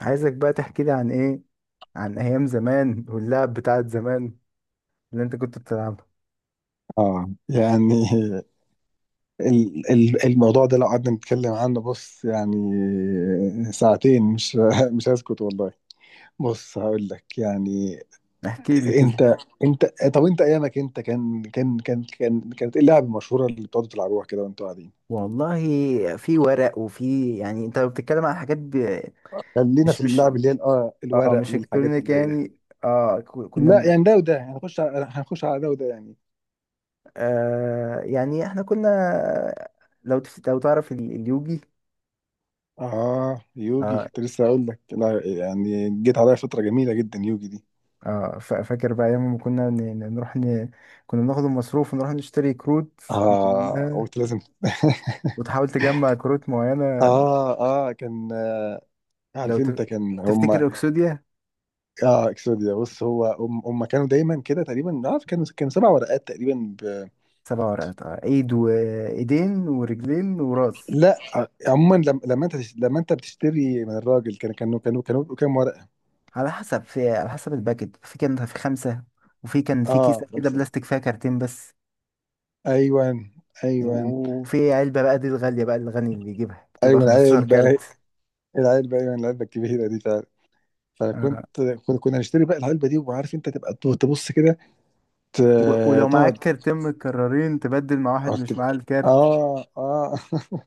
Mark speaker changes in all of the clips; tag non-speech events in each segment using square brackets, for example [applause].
Speaker 1: عايزك بقى تحكي لي عن ايام زمان واللعب بتاعت زمان اللي انت كنت بتلعبها.
Speaker 2: اه يعني الموضوع ده لو قعدنا نتكلم عنه، بص يعني ساعتين، مش [laughs] مش هسكت والله. بص هقول لك يعني.
Speaker 1: احكي لي كده.
Speaker 2: انت انت طب انت ايامك انت كانت ايه اللعبه المشهوره اللي بتقعدوا تلعبوها كده وانتوا قاعدين؟
Speaker 1: والله، في ورق، وفي يعني انت بتتكلم عن حاجات
Speaker 2: خلينا في
Speaker 1: مش مش
Speaker 2: اللعب اللي هي ال- اه
Speaker 1: اه
Speaker 2: الورق
Speaker 1: مش
Speaker 2: والحاجات
Speaker 1: الكترونيك
Speaker 2: اللي هي.
Speaker 1: يعني. اه ك- كنا
Speaker 2: لا
Speaker 1: من-
Speaker 2: يعني ده وده هنخش على ده وده يعني.
Speaker 1: يعني احنا كنا، لو تعرف اليوجي.
Speaker 2: اه يوجي
Speaker 1: اه
Speaker 2: كنت لسه هقول لك، لا يعني جيت عليا فتره جميله جدا يوجي دي.
Speaker 1: فاكر بقى ايام ما كنا نروح كنا بناخد المصروف ونروح نشتري كروت
Speaker 2: اه،
Speaker 1: منها،
Speaker 2: قلت لازم. [laughs]
Speaker 1: وتحاول تجمع كروت معينة.
Speaker 2: اه، اه، كان.
Speaker 1: لو
Speaker 2: عارف
Speaker 1: تف-
Speaker 2: انت، كان هم.
Speaker 1: تفتكر اكسوديا؟
Speaker 2: اه، اكسوديا، بص هو هم كانوا دايما كده تقريبا. عارف، كانوا كانوا 7 ورقات تقريبا ب...
Speaker 1: سبع ورقات، ايد وايدين ورجلين وراس.
Speaker 2: لا آه، عموما، لما لما انت بتشتري من الراجل، كانوا بيبقوا كام ورقة؟
Speaker 1: على حسب الباكت، في كان في خمسة، وفي كان في
Speaker 2: اه،
Speaker 1: كيسة كده
Speaker 2: خمسة.
Speaker 1: بلاستيك فيها كارتين بس.
Speaker 2: ايوه، ايوه،
Speaker 1: وفي علبة بقى، دي الغالية، بقى الغني اللي يجيبها بتبقى
Speaker 2: ايوه.
Speaker 1: 15 كارت.
Speaker 2: العلبة. العلبة، ايوه العلبة الكبيرة دي فعلا. فكنت.
Speaker 1: آه.
Speaker 2: كنا نشتري بقى العلبة دي وعارف، انت تبقى تبص كده، ت-
Speaker 1: ولو معاك
Speaker 2: تقعد.
Speaker 1: كارتين متكررين تبدل مع واحد
Speaker 2: اه،
Speaker 1: مش معاه
Speaker 2: تبقى.
Speaker 1: الكارت.
Speaker 2: اه، آه. [laughs]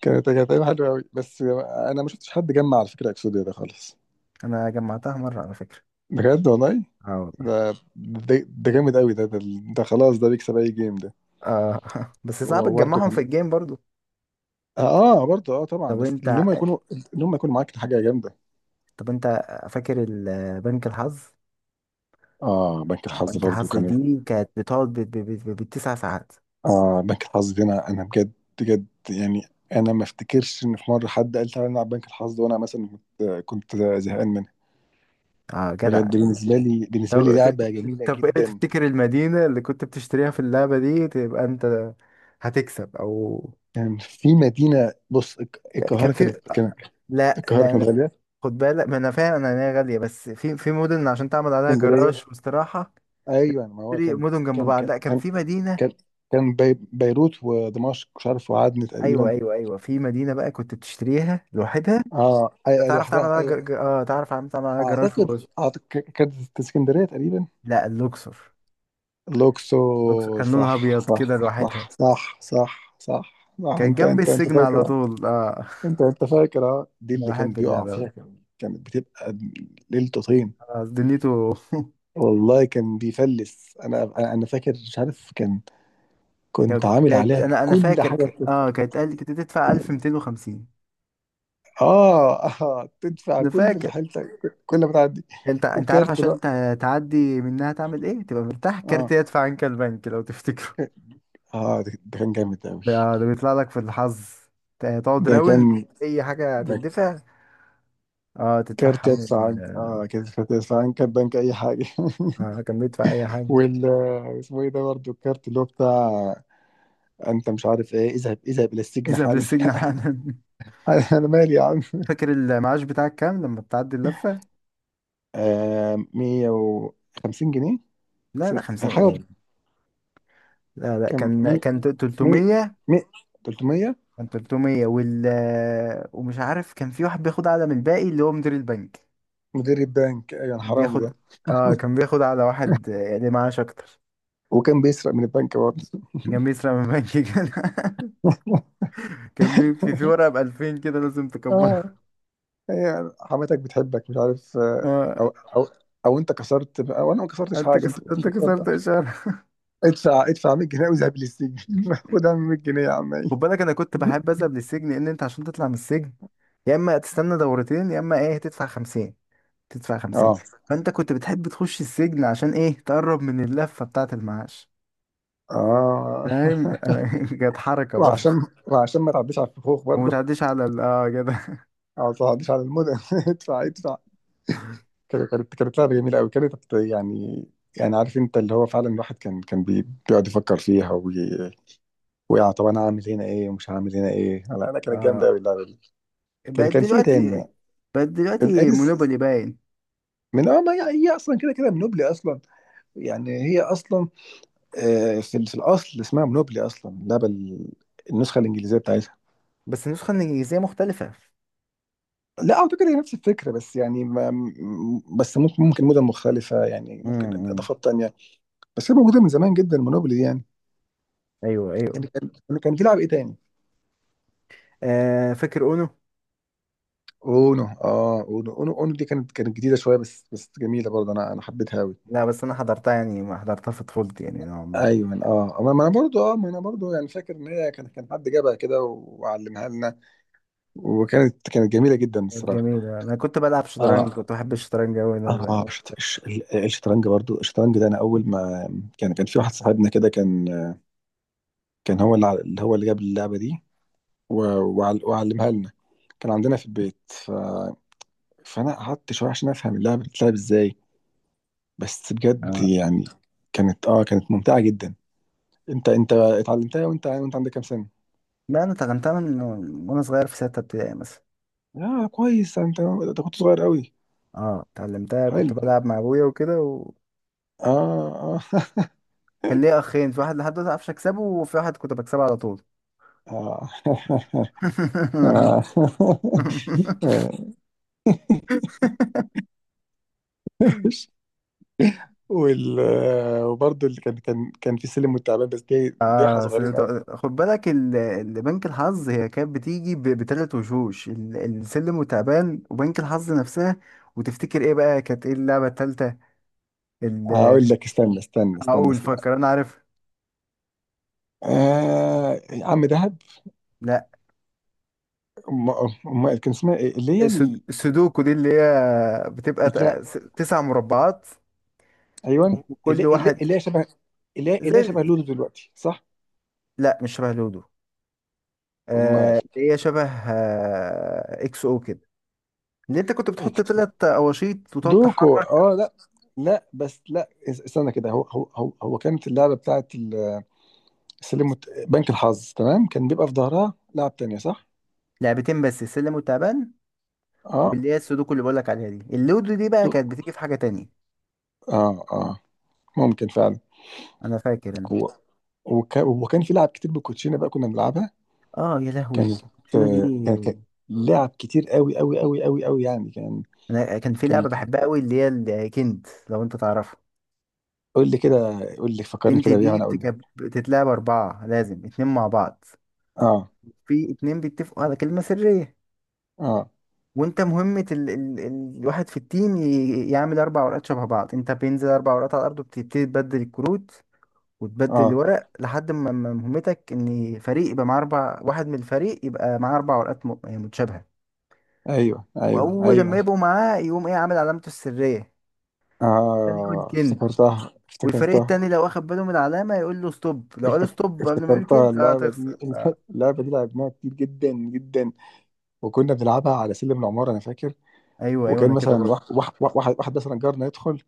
Speaker 2: كانت ايام حلوه قوي بس. انا ما شفتش حد جمع على فكره اكسوديا ده خالص.
Speaker 1: انا جمعتها مرة على فكرة.
Speaker 2: بجد والله.
Speaker 1: اه، والله.
Speaker 2: ده ده, ده جامد قوي ده، ده. ده خلاص ده بيكسب اي جيم ده.
Speaker 1: اه. [laughs] بس صعب
Speaker 2: هو برضه
Speaker 1: تجمعهم في
Speaker 2: كان.
Speaker 1: الجيم برضو.
Speaker 2: اه، آه، برضه، طبعا.
Speaker 1: طب
Speaker 2: بس ان
Speaker 1: انت
Speaker 2: هم يكونوا. ان هم يكونوا معاك حاجه جامده.
Speaker 1: طب انت فاكر بنك الحظ؟
Speaker 2: اه، بنك الحظ
Speaker 1: بنك
Speaker 2: برضه
Speaker 1: الحظ
Speaker 2: كان.
Speaker 1: دي كانت بتقعد بالتسع ساعات.
Speaker 2: اه، بنك الحظ دي انا بجد. بجد يعني. انا ما افتكرش ان في مره حد قال تعالى نلعب بنك الحظ وانا مثلا كنت زهقان منها.
Speaker 1: اه، جدع.
Speaker 2: بجد، بالنسبه لي
Speaker 1: طب ت-
Speaker 2: لعبه جميله
Speaker 1: طب ايه
Speaker 2: جدا.
Speaker 1: تفتكر المدينة اللي كنت بتشتريها في اللعبة دي، تبقى انت هتكسب؟ او
Speaker 2: كان في مدينة، بص، الك-
Speaker 1: كان
Speaker 2: القاهرة
Speaker 1: في
Speaker 2: كانت.
Speaker 1: لا،
Speaker 2: القاهرة
Speaker 1: لا،
Speaker 2: كانت
Speaker 1: لا.
Speaker 2: غالية.
Speaker 1: خد بالك، ما انا فاهم، انا إن هي غالية، بس في مدن عشان تعمل عليها
Speaker 2: اسكندرية.
Speaker 1: جراج واستراحة.
Speaker 2: أيوة، ما هو
Speaker 1: تشتري مدن جنب
Speaker 2: كان
Speaker 1: بعض.
Speaker 2: كان
Speaker 1: لا، كان
Speaker 2: كان
Speaker 1: في مدينة.
Speaker 2: كان, كان، بي بيروت ودمشق، مش عارف، وعدن
Speaker 1: ايوه،
Speaker 2: تقريبا.
Speaker 1: ايوه، ايوه. في مدينة بقى كنت بتشتريها لوحدها.
Speaker 2: اه، أيوة،
Speaker 1: تعرف تعمل
Speaker 2: لوحدها،
Speaker 1: عليها جر...
Speaker 2: أيوة.
Speaker 1: ج- اه تعرف تعمل عليها جراج
Speaker 2: أعتقد أعتقد ك- كانت اسكندرية تقريبا.
Speaker 1: لا، اللوكسور. اللوكسور
Speaker 2: الأقصر.
Speaker 1: كان لونها
Speaker 2: صح،
Speaker 1: ابيض
Speaker 2: صح،
Speaker 1: كده لوحدها.
Speaker 2: صح، صح، صح، صح، صح.
Speaker 1: كان جنبي
Speaker 2: أنت
Speaker 1: السجن على
Speaker 2: فاكر، أه؟
Speaker 1: طول. اه
Speaker 2: أنت فاكر أه؟ دي
Speaker 1: انا
Speaker 2: اللي كان
Speaker 1: بحب
Speaker 2: بيقع
Speaker 1: اللعبه أوي.
Speaker 2: فيها، كانت بتبقى ليلته طين.
Speaker 1: آه، دنيته. [laughs]
Speaker 2: والله كان بيفلس. انا انا أنا فاكر، مش عارف، كان كنت عامل عليها
Speaker 1: انا
Speaker 2: كل
Speaker 1: فاكر
Speaker 2: حاجه
Speaker 1: ك- اه
Speaker 2: بت-
Speaker 1: كانت قال كنت تدفع 1250.
Speaker 2: اه، اه، تدفع
Speaker 1: انا
Speaker 2: كل اللي
Speaker 1: فاكر.
Speaker 2: حيلتك كل ما تعدي.
Speaker 1: انت عارف
Speaker 2: وكارت، لا.
Speaker 1: عشان تعدي منها تعمل ايه؟ تبقى مرتاح، كارت
Speaker 2: اه،
Speaker 1: يدفع عنك البنك، لو تفتكره.
Speaker 2: اه. ده كان جامد
Speaker 1: [laughs]
Speaker 2: قوي.
Speaker 1: ده بيطلع لك في الحظ. تقعد
Speaker 2: ده كان
Speaker 1: راوند، اي حاجه
Speaker 2: ده
Speaker 1: تدفع. اه
Speaker 2: كارت
Speaker 1: تدفعها من.
Speaker 2: يدفع عنك. اه، كارت يدفع عنك كارت بنك اي حاجه. [laughs]
Speaker 1: اه، كان بيدفع اي حاجه.
Speaker 2: وال، اسمه ايه ده برضه الكارت اللي هو بتاع انت، مش عارف ايه؟ اذهب الى السجن
Speaker 1: اذهب
Speaker 2: حالا.
Speaker 1: للسجن
Speaker 2: [laughs]
Speaker 1: حالا.
Speaker 2: انا مالي يا
Speaker 1: [laughs]
Speaker 2: عم.
Speaker 1: فاكر المعاش بتاعك كام لما بتعدي اللفه؟
Speaker 2: آه، 150 جنيه.
Speaker 1: لا،
Speaker 2: س-،
Speaker 1: لا، 50
Speaker 2: حاجه.
Speaker 1: ايه. لا، لا،
Speaker 2: كان مي، مي،
Speaker 1: 300.
Speaker 2: مي، 300.
Speaker 1: كان 300 ومش عارف، كان في واحد بياخد اعلى من الباقي اللي هو مدير البنك.
Speaker 2: مدير البنك، ايوه،
Speaker 1: كان
Speaker 2: الحرامي
Speaker 1: بياخد
Speaker 2: ده.
Speaker 1: اه
Speaker 2: [laughs]
Speaker 1: كان بياخد على واحد، اللي معاش اكتر.
Speaker 2: وكان بيسرق من البنك برضه.
Speaker 1: كان بيسرق من البنك كده.
Speaker 2: [laughs]
Speaker 1: [laughs] في ورقة ب 2000، كده لازم تكبرها.
Speaker 2: اه، هي حماتك بتحبك، مش عارف. آه،
Speaker 1: اه.
Speaker 2: او، او او انت كسرت، او انا ما كسرتش حاجه،
Speaker 1: انت
Speaker 2: انت كسرت.
Speaker 1: كسرت
Speaker 2: آه.
Speaker 1: اشارة.
Speaker 2: ادفع، ادفع 100 جنيه واذهب للسجن. [laughs] خد يا عم 100 جنيه يا عم.
Speaker 1: خد
Speaker 2: إيه.
Speaker 1: بالك، انا كنت بحب اذهب للسجن، لان انت عشان تطلع من السجن يا اما تستنى دورتين، يا اما ايه، تدفع 50. تدفع 50.
Speaker 2: اه،
Speaker 1: فانت كنت بتحب تخش السجن عشان ايه؟ تقرب من اللفة بتاعة المعاش،
Speaker 2: اه.
Speaker 1: فاهم؟ [laughs] كانت
Speaker 2: [laughs]
Speaker 1: حركة برضه.
Speaker 2: وعشان وعشان ما تعديش على الفخوخ
Speaker 1: وما
Speaker 2: برضه. [laughs]
Speaker 1: تعديش على ال اه كده.
Speaker 2: او ما تعديش على المدن. [laughs] ادفع، ادفع. كانت لعبة جميلة أوي كانت يعني. يعني عارف أنت، اللي هو فعلا الواحد كان بي- بيقعد يفكر فيها وي... ويا طب، أنا هعمل هنا إيه ومش هعمل هنا إيه. لا، أنا كانت جامدة أوي
Speaker 1: آه.
Speaker 2: اللعبة دي.
Speaker 1: بقت
Speaker 2: كان في إيه تاني؟
Speaker 1: دلوقتي بقت دلوقتي
Speaker 2: الأريس.
Speaker 1: مونوبولي باين.
Speaker 2: من، أه، ما هي، هي أصلا كده كده منوبلي أصلا. يعني هي أصلا آه، في ال- في الأصل اسمها منوبلي أصلا، اللعبة ال- النسخة الإنجليزية بتاعتها.
Speaker 1: بس النسخة الإنجليزية مختلفة.
Speaker 2: لا، أعتقد هي نفس الفكرة، بس يعني، ما م-، بس ممكن مدن مختلفة، يعني ممكن
Speaker 1: امم.
Speaker 2: إضافات تانية. بس هي موجودة من زمان جدا، منوبلي يعني.
Speaker 1: أيوه، أيوه.
Speaker 2: كان بيلعب ايه تاني؟
Speaker 1: آه، فاكر أونو؟
Speaker 2: اونو. اونو دي كانت جديده شويه، بس جميله برضه، انا حبيتها قوي.
Speaker 1: لا، بس أنا حضرتها يعني، ما حضرتها في طفولتي يعني، نوعا ما.
Speaker 2: ايوه، اه، ما انا برضه، اه، ما انا برضه يعني فاكر ان هي كان حد جابها كده وعلمها لنا. كانت جميله جدا
Speaker 1: كانت
Speaker 2: الصراحه.
Speaker 1: جميلة. أنا كنت بلعب شطرنج،
Speaker 2: اه،
Speaker 1: كنت بحب الشطرنج أوي.
Speaker 2: اه، شط-، الش-، ال- الشطرنج برضه، الشطرنج ده انا اول ما كان في واحد صاحبنا كده كان. كان هو اللي ع-، اللي هو اللي جاب اللعبه دي، و-، وعل-، وعلمها لنا. كان عندنا في البيت، ف... فانا قعدت شويه عشان افهم اللعبه بتتلعب ازاي. بس بجد
Speaker 1: اه.
Speaker 2: يعني، كانت ممتعة جدا. انت اتعلمتها، وانت عندك كام سنة؟
Speaker 1: لا، أنا اتعلمتها من وأنا صغير، في ستة ابتدائي مثلا.
Speaker 2: اه، كويس، انت كنت صغير قوي.
Speaker 1: أه، اتعلمتها كنت
Speaker 2: حلو.
Speaker 1: بلعب مع أبويا وكده، وكان
Speaker 2: اه، اه. [laughs]
Speaker 1: ليا أخين، في واحد لحد دلوقتي معرفش أكسبه، وفي واحد كنت بكسبه على طول.
Speaker 2: اه. [laughs] آه.
Speaker 1: [laughs]
Speaker 2: [laughs] آه. وال، وبرضه اللي كان في سلم والتعبان، بس دي احنا صغيرين قوي.
Speaker 1: خد بالك، بنك الحظ هي كانت بتيجي بتلات وشوش، السلم وتعبان وبنك الحظ نفسها. وتفتكر ايه بقى كانت، ايه اللعبة التالتة، ال-
Speaker 2: هقول لك،
Speaker 1: اقول،
Speaker 2: استنى.
Speaker 1: فكر، انا عارف.
Speaker 2: آه، عم دهب.
Speaker 1: لا،
Speaker 2: ام ام أم-، كان اسمها ايه اللي هي ال...؟
Speaker 1: السودوكو دي اللي هي بتبقى تسع مربعات،
Speaker 2: ايوه.
Speaker 1: وكل واحد
Speaker 2: اللي هي شبه. اللي
Speaker 1: زي
Speaker 2: هي شبه لودو دلوقتي، صح؟
Speaker 1: لا، مش شبه لودو.
Speaker 2: امال.
Speaker 1: اللي هي شبه، اكس او كده، اللي انت كنت بتحط
Speaker 2: إكس-،
Speaker 1: تلات اواشيط وتقعد
Speaker 2: دوكو،
Speaker 1: تحرك.
Speaker 2: اه، لا. لا، بس، لا، اس-، استنى كده. هو كانت اللعبه بتاعت ال- السلم وت- بنك الحظ، تمام. كان بيبقى في ظهرها لعب تانية، صح.
Speaker 1: لعبتين بس، السلم والتعبان.
Speaker 2: اه،
Speaker 1: واللي هي السودوكو اللي بقولك عليها دي، اللودو دي بقى كانت بتيجي في حاجة تانية.
Speaker 2: اه، اه، ممكن فعلا.
Speaker 1: انا فاكر.
Speaker 2: هو، وك- وكان في لعب كتير بالكوتشينه بقى، كنا بنلعبها.
Speaker 1: اه يا لهوي
Speaker 2: كانت
Speaker 1: الكوتشينة دي.
Speaker 2: كان لعب كتير قوي قوي قوي قوي قوي يعني، كان.
Speaker 1: انا كان في
Speaker 2: كان.
Speaker 1: لعبة بحبها قوي، اللي هي الكنت، لو انت تعرفها.
Speaker 2: قول لي كده، قول لي، فكرني
Speaker 1: كنت
Speaker 2: كده بيها
Speaker 1: دي
Speaker 2: وانا اقول لك.
Speaker 1: بتتلعب اربعة، لازم اتنين مع بعض.
Speaker 2: اه،
Speaker 1: في اتنين بيتفقوا على كلمة سرية،
Speaker 2: اه،
Speaker 1: وانت مهمة الواحد في التيم يعمل اربع ورقات شبه بعض، انت بينزل اربع ورقات على الارض وبتبتدي تبدل الكروت، وتبدل
Speaker 2: اه،
Speaker 1: الورق لحد ما، مهمتك ان فريق يبقى معاه اربع، واحد من الفريق يبقى معاه اربع ورقات يعني متشابهه.
Speaker 2: ايوه، ايوه،
Speaker 1: واول لما
Speaker 2: ايوه،
Speaker 1: يبقوا معاه، يقوم ايه، عامل علامته السريه تاني يقول
Speaker 2: اه،
Speaker 1: كنت.
Speaker 2: افتكرتها،
Speaker 1: والفريق
Speaker 2: افتكرتها.
Speaker 1: التاني لو اخد باله من العلامه يقول له ستوب. لو قال
Speaker 2: افتك-
Speaker 1: ستوب قبل ما يقول
Speaker 2: افتكرتها
Speaker 1: كنت، اه
Speaker 2: اللعبه
Speaker 1: تخسر
Speaker 2: دي.
Speaker 1: آه.
Speaker 2: [laughs] اللعبه دي لعبناها كتير جدا جدا وكنا بنلعبها على سلم العماره، انا فاكر.
Speaker 1: ايوه، ايوه،
Speaker 2: وكان
Speaker 1: انا كده
Speaker 2: مثلا
Speaker 1: برضه.
Speaker 2: واحد مثلا جارنا يدخل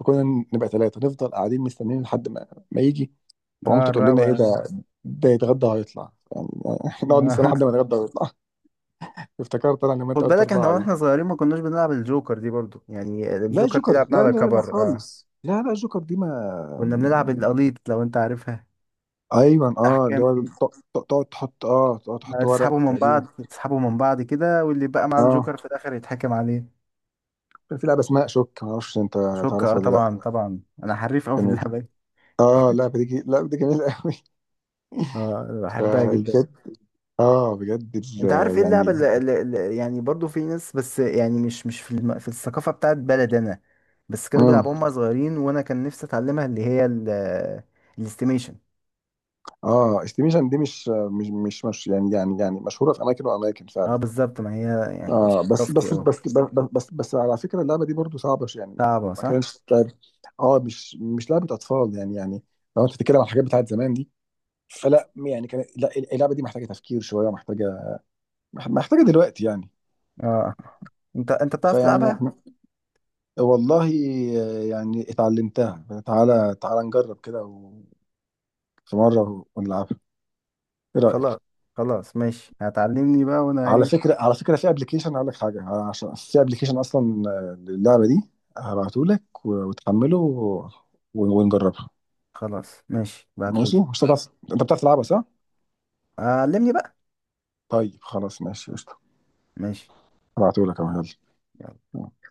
Speaker 2: وكنا نبقى ثلاثه، نفضل قاعدين مستنيين لحد ما يجي،
Speaker 1: اه،
Speaker 2: ومامته تقول لنا ايه
Speaker 1: الرابع.
Speaker 2: ده، ده يتغدى وهيطلع يعني. [laughs] نقعد نستنى
Speaker 1: آه.
Speaker 2: لحد ما
Speaker 1: [laughs]
Speaker 2: يتغدى ويطلع. [laughs] افتكرت انا لما
Speaker 1: خد
Speaker 2: انت قلت
Speaker 1: بالك،
Speaker 2: اربعه دي.
Speaker 1: واحنا صغيرين ما كناش بنلعب الجوكر دي برضه يعني،
Speaker 2: لا،
Speaker 1: الجوكر دي
Speaker 2: جوكر،
Speaker 1: لعبناها
Speaker 2: لا،
Speaker 1: على
Speaker 2: لا، لا
Speaker 1: كبر. اه
Speaker 2: خالص، لا، لا جوكر دي ما.
Speaker 1: كنا بنلعب القليط لو انت عارفها،
Speaker 2: ايوه، اه، اللي
Speaker 1: الاحكام.
Speaker 2: هو ت-، ت- تقعد تحط،
Speaker 1: تسحبوا
Speaker 2: ورق
Speaker 1: من
Speaker 2: تقريبا.
Speaker 1: بعض، تسحبوا من بعض كده، واللي بقى مع
Speaker 2: اه،
Speaker 1: الجوكر في الاخر يتحكم عليه.
Speaker 2: كان في لعبه اسمها شوك، ما اعرفش انت
Speaker 1: شوكة،
Speaker 2: تعرفها ولا لا.
Speaker 1: طبعا، طبعا، انا حريف قوي في
Speaker 2: كان إيه؟
Speaker 1: اللعبة دي.
Speaker 2: اه، اللعبه دي جي-، اللعبه دي جميله قوي.
Speaker 1: [laughs]
Speaker 2: [laughs]
Speaker 1: اه أنا بحبها جدا.
Speaker 2: فبجد. اه، بجد،
Speaker 1: انت عارف
Speaker 2: ال-
Speaker 1: ايه اللعبة
Speaker 2: يعني.
Speaker 1: يعني برضو في ناس، بس يعني مش في في الثقافة بتاعت بلد انا، بس كانوا
Speaker 2: امم
Speaker 1: بيلعبوها هم صغيرين، وانا كان نفسي اتعلمها، اللي هي الاستيميشن.
Speaker 2: اه، استيميشن دي مش يعني مشهوره في اماكن واماكن
Speaker 1: اه،
Speaker 2: فعلا.
Speaker 1: بالظبط. ما هي يعني مش
Speaker 2: اه،
Speaker 1: ثقافتي قوي.
Speaker 2: بس على فكره اللعبه دي برضو صعبه، ش- يعني.
Speaker 1: صعبة،
Speaker 2: ما
Speaker 1: صح.
Speaker 2: كانش لعب. اه، مش لعبه اطفال يعني لو انت بتتكلم عن الحاجات بتاعت زمان دي. فلا يعني كان، لا اللعبه دي محتاجه تفكير شويه ومحتاجه. محتاجه دلوقتي يعني.
Speaker 1: اه انت بتعرف
Speaker 2: فيعني
Speaker 1: تلعبها؟
Speaker 2: احنا، والله، يعني اتعلمتها. تعالى تعالى نجرب كده و- في مره ونلعبها. ايه رايك؟
Speaker 1: خلاص. خلاص، ماشي، هتعلمني بقى وانا ايه؟
Speaker 2: على فكره في ابلكيشن، اقول لك حاجه، عشان في ابلكيشن اصلا للعبه دي، هبعته لك وتحمله و- ونجربها.
Speaker 1: خلاص، ماشي،
Speaker 2: ماشي،
Speaker 1: بعتهولي.
Speaker 2: مش هتعرف. انت بتعرف تلعبها، صح؟
Speaker 1: علمني بقى.
Speaker 2: طيب خلاص ماشي قشطه.
Speaker 1: ماشي.
Speaker 2: هبعته لك اهو.
Speaker 1: يلا.
Speaker 2: يلا.